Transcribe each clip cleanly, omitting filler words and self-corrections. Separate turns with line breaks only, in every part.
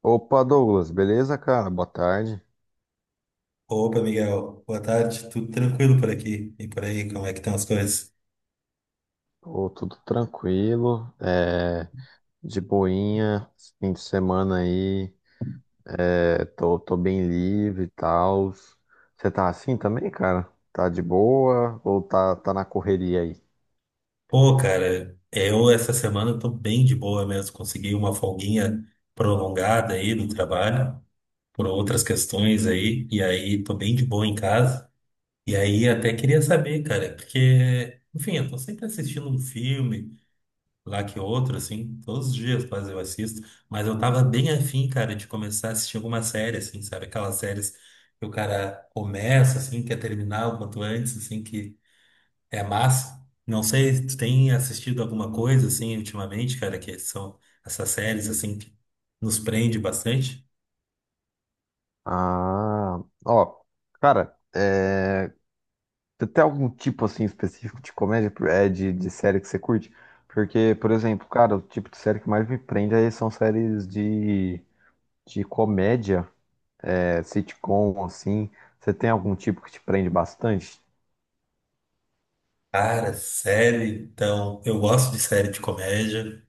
Opa, Douglas, beleza, cara? Boa tarde.
Opa, Miguel. Boa tarde. Tudo tranquilo por aqui? E por aí, como é que estão as coisas?
Pô, tudo tranquilo, de boinha, esse fim de semana aí, tô bem livre e tal. Você tá assim também, cara? Tá de boa ou tá na correria aí?
Pô, cara, eu essa semana tô bem de boa mesmo. Consegui uma folguinha prolongada aí do trabalho, por outras questões aí, e aí tô bem de boa em casa. E aí até queria saber, cara, porque, enfim, eu tô sempre assistindo um filme. Lá que outro, assim, todos os dias quase eu assisto, mas eu tava bem afim, cara, de começar a assistir alguma série, assim, sabe? Aquelas séries que o cara começa, assim, quer terminar o quanto antes, assim, que é massa. Não sei, tu tem assistido alguma coisa, assim, ultimamente, cara, que são essas séries, assim, que nos prende bastante?
Ah, ó, cara, é, você tem algum tipo assim específico de comédia, de série que você curte? Porque, por exemplo, cara, o tipo de série que mais me prende aí são séries de comédia. Sitcom, assim, você tem algum tipo que te prende bastante?
Cara, série, então, eu gosto de série de comédia,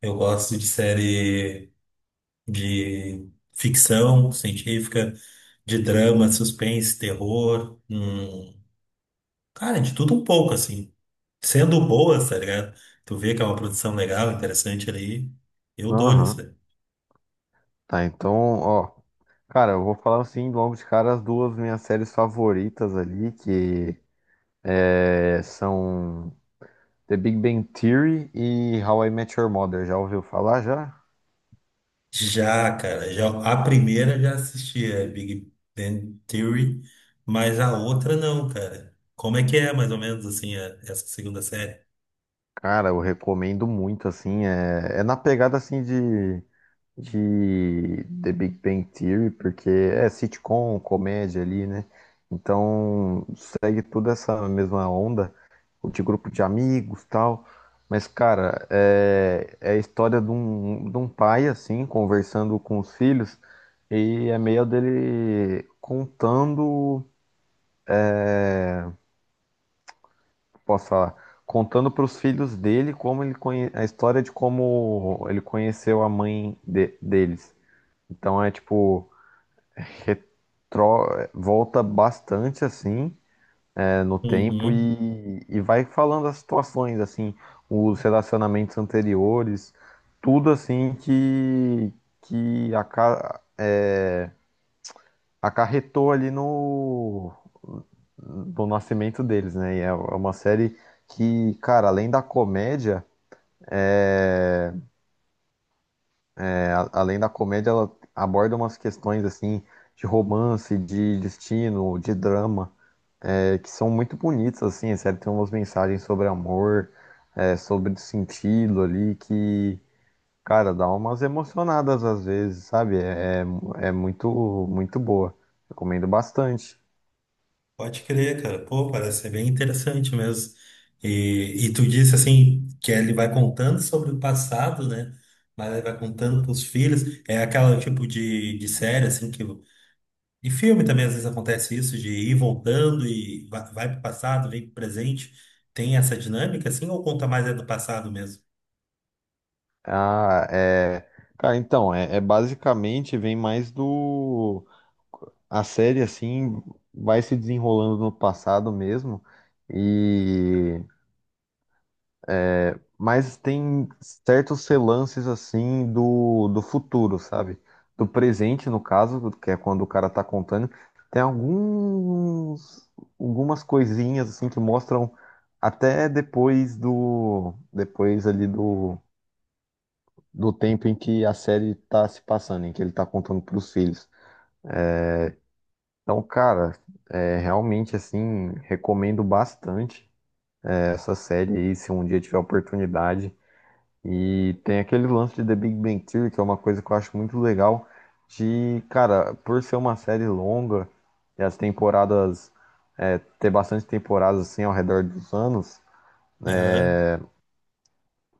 eu gosto de série. De ficção científica, de drama, suspense, terror, cara, de tudo um pouco, assim. Sendo boas, tá ligado? Tu vê que é uma produção legal, interessante ali, eu dou-lhe isso
Aham.
aí.
Tá, então, ó. Cara, eu vou falar assim, logo de cara, as duas minhas séries favoritas ali, são The Big Bang Theory e How I Met Your Mother. Já ouviu falar já?
Já, cara, já, a primeira eu já assisti, é Big Bang Theory, mas a outra não, cara. Como é que é, mais ou menos, assim, essa segunda série?
Cara, eu recomendo muito, assim. É na pegada assim de The Big Bang Theory, porque é sitcom, comédia ali, né? Então segue toda essa mesma onda, o de grupo de amigos tal. Mas, cara, é a história de um pai, assim, conversando com os filhos, e é meio dele contando, posso falar, contando para os filhos dele como ele a história de como ele conheceu a mãe deles. Então é tipo retro- volta bastante assim no tempo
Uhum.
e vai falando as situações assim, os relacionamentos anteriores, tudo assim que que aca- é, acarretou ali no do nascimento deles, né? E é uma série que, cara, além da comédia, é, além da comédia, ela aborda umas questões assim de romance, de destino, de drama. Que são muito bonitos, assim, sério, tem umas mensagens sobre amor, sobre sentido ali, que, cara, dá umas emocionadas às vezes, sabe? É muito, muito boa. Recomendo bastante.
Pode crer, cara. Pô, parece ser bem interessante mesmo. E tu disse assim que ele vai contando sobre o passado, né? Mas ele vai contando pros filhos. É aquela tipo de série, assim, que. De filme também às vezes acontece isso, de ir voltando e vai pro passado, vem pro presente. Tem essa dinâmica, assim, ou conta mais é do passado mesmo?
Ah, é. Cara, então, é basicamente vem mais do. A série, assim, vai se desenrolando no passado mesmo. e mas tem certos relances assim do futuro, sabe? Do presente, no caso, que é quando o cara tá contando, tem alguns algumas coisinhas assim que mostram até depois ali do tempo em que a série tá se passando, em que ele tá contando pros filhos. Então, cara, realmente assim, recomendo bastante essa série aí, se um dia tiver oportunidade. E tem aquele lance de The Big Bang Theory, que é uma coisa que eu acho muito legal, de, cara, por ser uma série longa e as temporadas, ter bastante temporadas assim ao redor dos anos,
Aham.
é,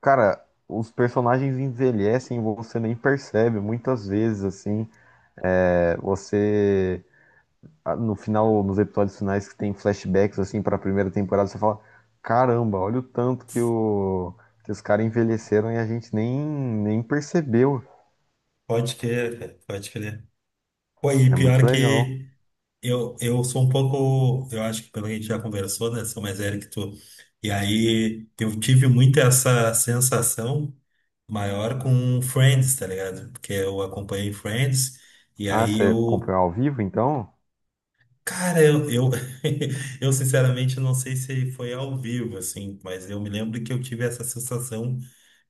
cara, os personagens envelhecem e você nem percebe muitas vezes, assim, É, você, ah, no final, nos episódios finais que tem flashbacks, assim, para a primeira temporada, você fala, caramba, olha o tanto que que os caras envelheceram e a gente nem percebeu.
Pode crer, cara. Pode crer. Pô, e
Isso é muito
pior
legal.
que. Eu sou um pouco, eu acho que pelo que a gente já conversou, né? Sou mais velho que tu. E aí eu tive muito essa sensação maior com Friends, tá ligado? Porque eu acompanhei Friends e
Ah,
aí
você
eu,
comprou ao vivo, então?
cara, eu, eu, eu sinceramente não sei se foi ao vivo, assim, mas eu me lembro que eu tive essa sensação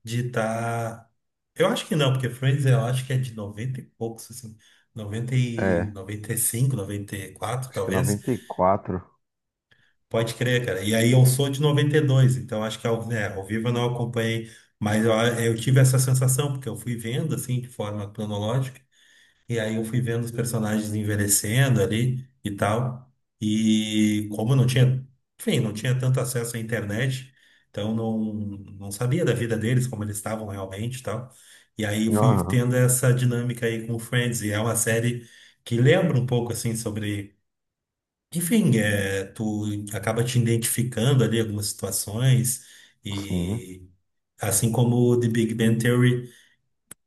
de estar. Eu acho que não, porque Friends eu acho que é de 90 e poucos, assim, 90 e noventa
É,
noventa e cinco noventa e quatro
acho que é
talvez.
noventa e quatro.
Pode crer, cara. E aí eu sou de 92, então acho que ao, né, ao vivo eu não acompanhei, mas eu tive essa sensação, porque eu fui vendo assim, de forma cronológica, e aí eu fui vendo os personagens envelhecendo ali e tal. E como eu não tinha, enfim, não tinha tanto acesso à internet, então não sabia da vida deles, como eles estavam realmente e tal. E aí eu fui
Aham,
tendo essa dinâmica aí com o Friends, e é uma série que lembra um pouco assim sobre enfim, é, tu acaba te identificando ali algumas situações
sim.
e assim como o The Big Bang Theory.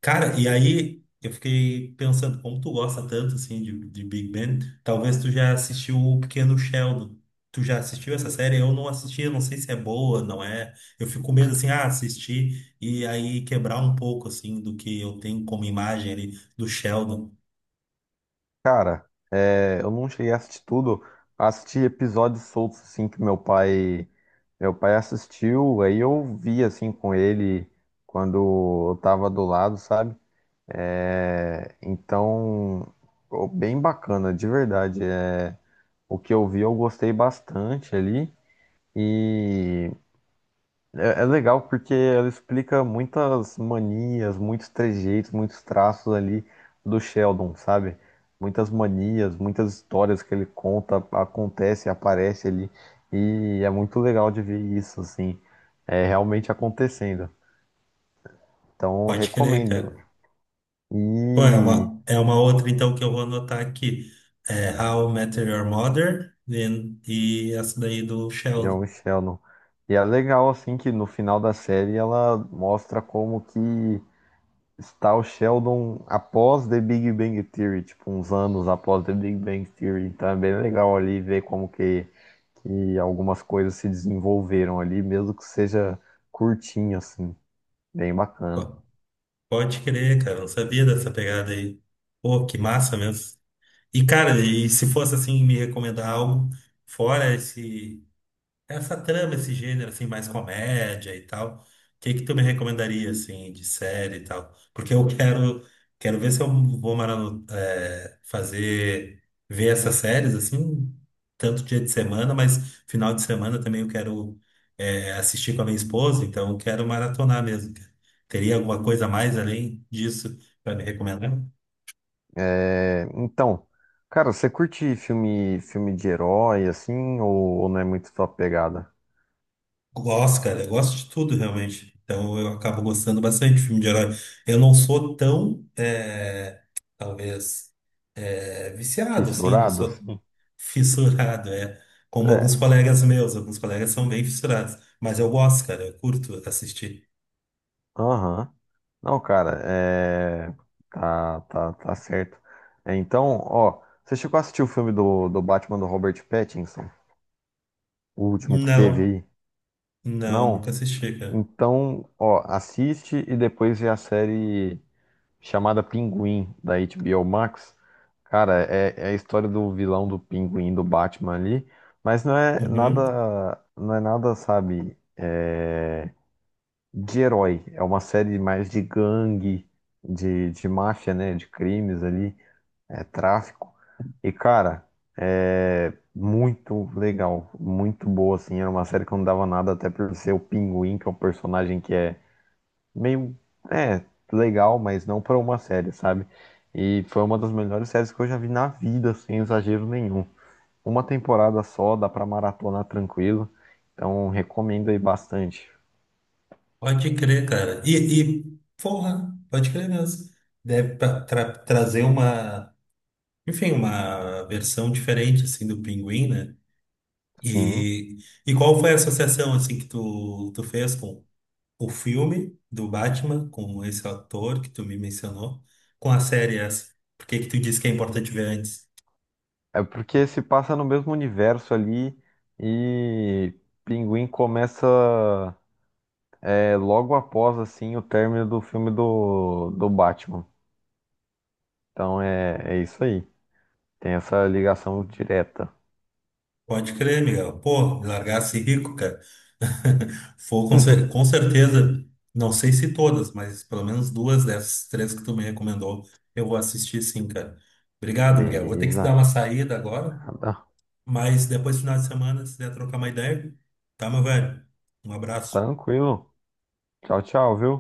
Cara, e aí eu fiquei pensando, como tu gosta tanto assim de Big Bang, talvez tu já assistiu o Pequeno Sheldon. Tu já assistiu essa série? Eu não assisti, eu não sei se é boa, não é. Eu fico com medo assim, ah, assistir e aí quebrar um pouco assim do que eu tenho como imagem ali do Sheldon.
Cara, eu não cheguei a assistir tudo. Assisti episódios soltos, assim, que meu pai... Meu pai assistiu, aí eu vi, assim, com ele quando eu tava do lado, sabe? É, então, ficou bem bacana, de verdade. É. O que eu vi, eu gostei bastante ali. E... É, é legal porque ela explica muitas manias, muitos trejeitos, muitos traços ali do Sheldon, sabe? Muitas manias, muitas histórias que ele conta, acontece, aparece ali. E é muito legal de ver isso, assim, é realmente acontecendo. Então, eu
Pode crer,
recomendo.
cara. Pô,
E
é uma outra, então, que eu vou anotar aqui. É How I Met Your Mother e essa daí do Sheldon.
John Sheldon. E é legal, assim, que no final da série ela mostra como que está o Sheldon após The Big Bang Theory, tipo, uns anos após The Big Bang Theory. Então é bem legal ali ver como que algumas coisas se desenvolveram ali, mesmo que seja curtinho, assim. Bem bacana.
Pô, pode crer, cara. Eu não sabia dessa pegada aí. Pô, que massa mesmo. E, cara, e se fosse assim, me recomendar algo fora esse. Essa trama, esse gênero, assim, mais comédia e tal, o que que tu me recomendaria, assim, de série e tal? Porque quero ver se eu vou fazer, ver essas séries, assim, tanto dia de semana, mas final de semana também eu quero assistir com a minha esposa, então eu quero maratonar mesmo. Teria alguma coisa a mais além disso para me recomendar?
É, então, cara, você curte filme, filme de herói, assim, ou não é muito tua pegada?
Gosto, cara. Eu gosto de tudo, realmente. Então, eu acabo gostando bastante de filme de herói. Eu não sou tão, é, talvez, é, viciado, assim. Não
Fissurado,
sou
assim?
fissurado, é. Como alguns
É,
colegas meus. Alguns colegas são bem fissurados. Mas eu gosto, cara. Eu curto assistir.
aham. Não, cara, é... tá certo. Então, ó, você chegou a assistir o filme do Batman do Robert Pattinson? O último que teve
Não,
aí?
não,
Não?
nunca assisti, cara.
Então, ó, assiste e depois vê a série chamada Pinguim, da HBO Max. Cara, é a história do vilão do Pinguim, do Batman ali, mas não é
Uhum.
nada, não é nada, sabe, de herói. É uma série mais de gangue, de máfia, né? De crimes ali, tráfico. E, cara, é muito legal, muito boa, assim. Era uma série que eu não dava nada, até por ser o Pinguim, que é um personagem que é meio, é, legal, mas não pra uma série, sabe? E foi uma das melhores séries que eu já vi na vida, sem exagero nenhum. Uma temporada só, dá pra maratonar tranquilo. Então, recomendo aí bastante.
Pode crer, cara. E porra, pode crer mesmo. Deve trazer uma, enfim, uma versão diferente, assim, do Pinguim, né?
Sim.
E, e qual foi a associação assim que tu fez com o filme do Batman, com esse ator que tu me mencionou, com a série essa? Por que que tu disse que é importante ver antes?
É porque se passa no mesmo universo ali e Pinguim começa logo após assim o término do filme do Batman. Então é isso aí. Tem essa ligação direta.
Pode crer, Miguel. Pô, me largasse rico, cara. Foi com, com certeza, não sei se todas, mas pelo menos duas dessas três que tu me recomendou, eu vou assistir sim, cara. Obrigado, Miguel. Vou ter que dar
Beleza.
uma saída agora,
Nada.
mas depois, final de semana, se der trocar uma ideia, tá, meu velho? Um abraço.
Tranquilo. Tchau, tchau, viu?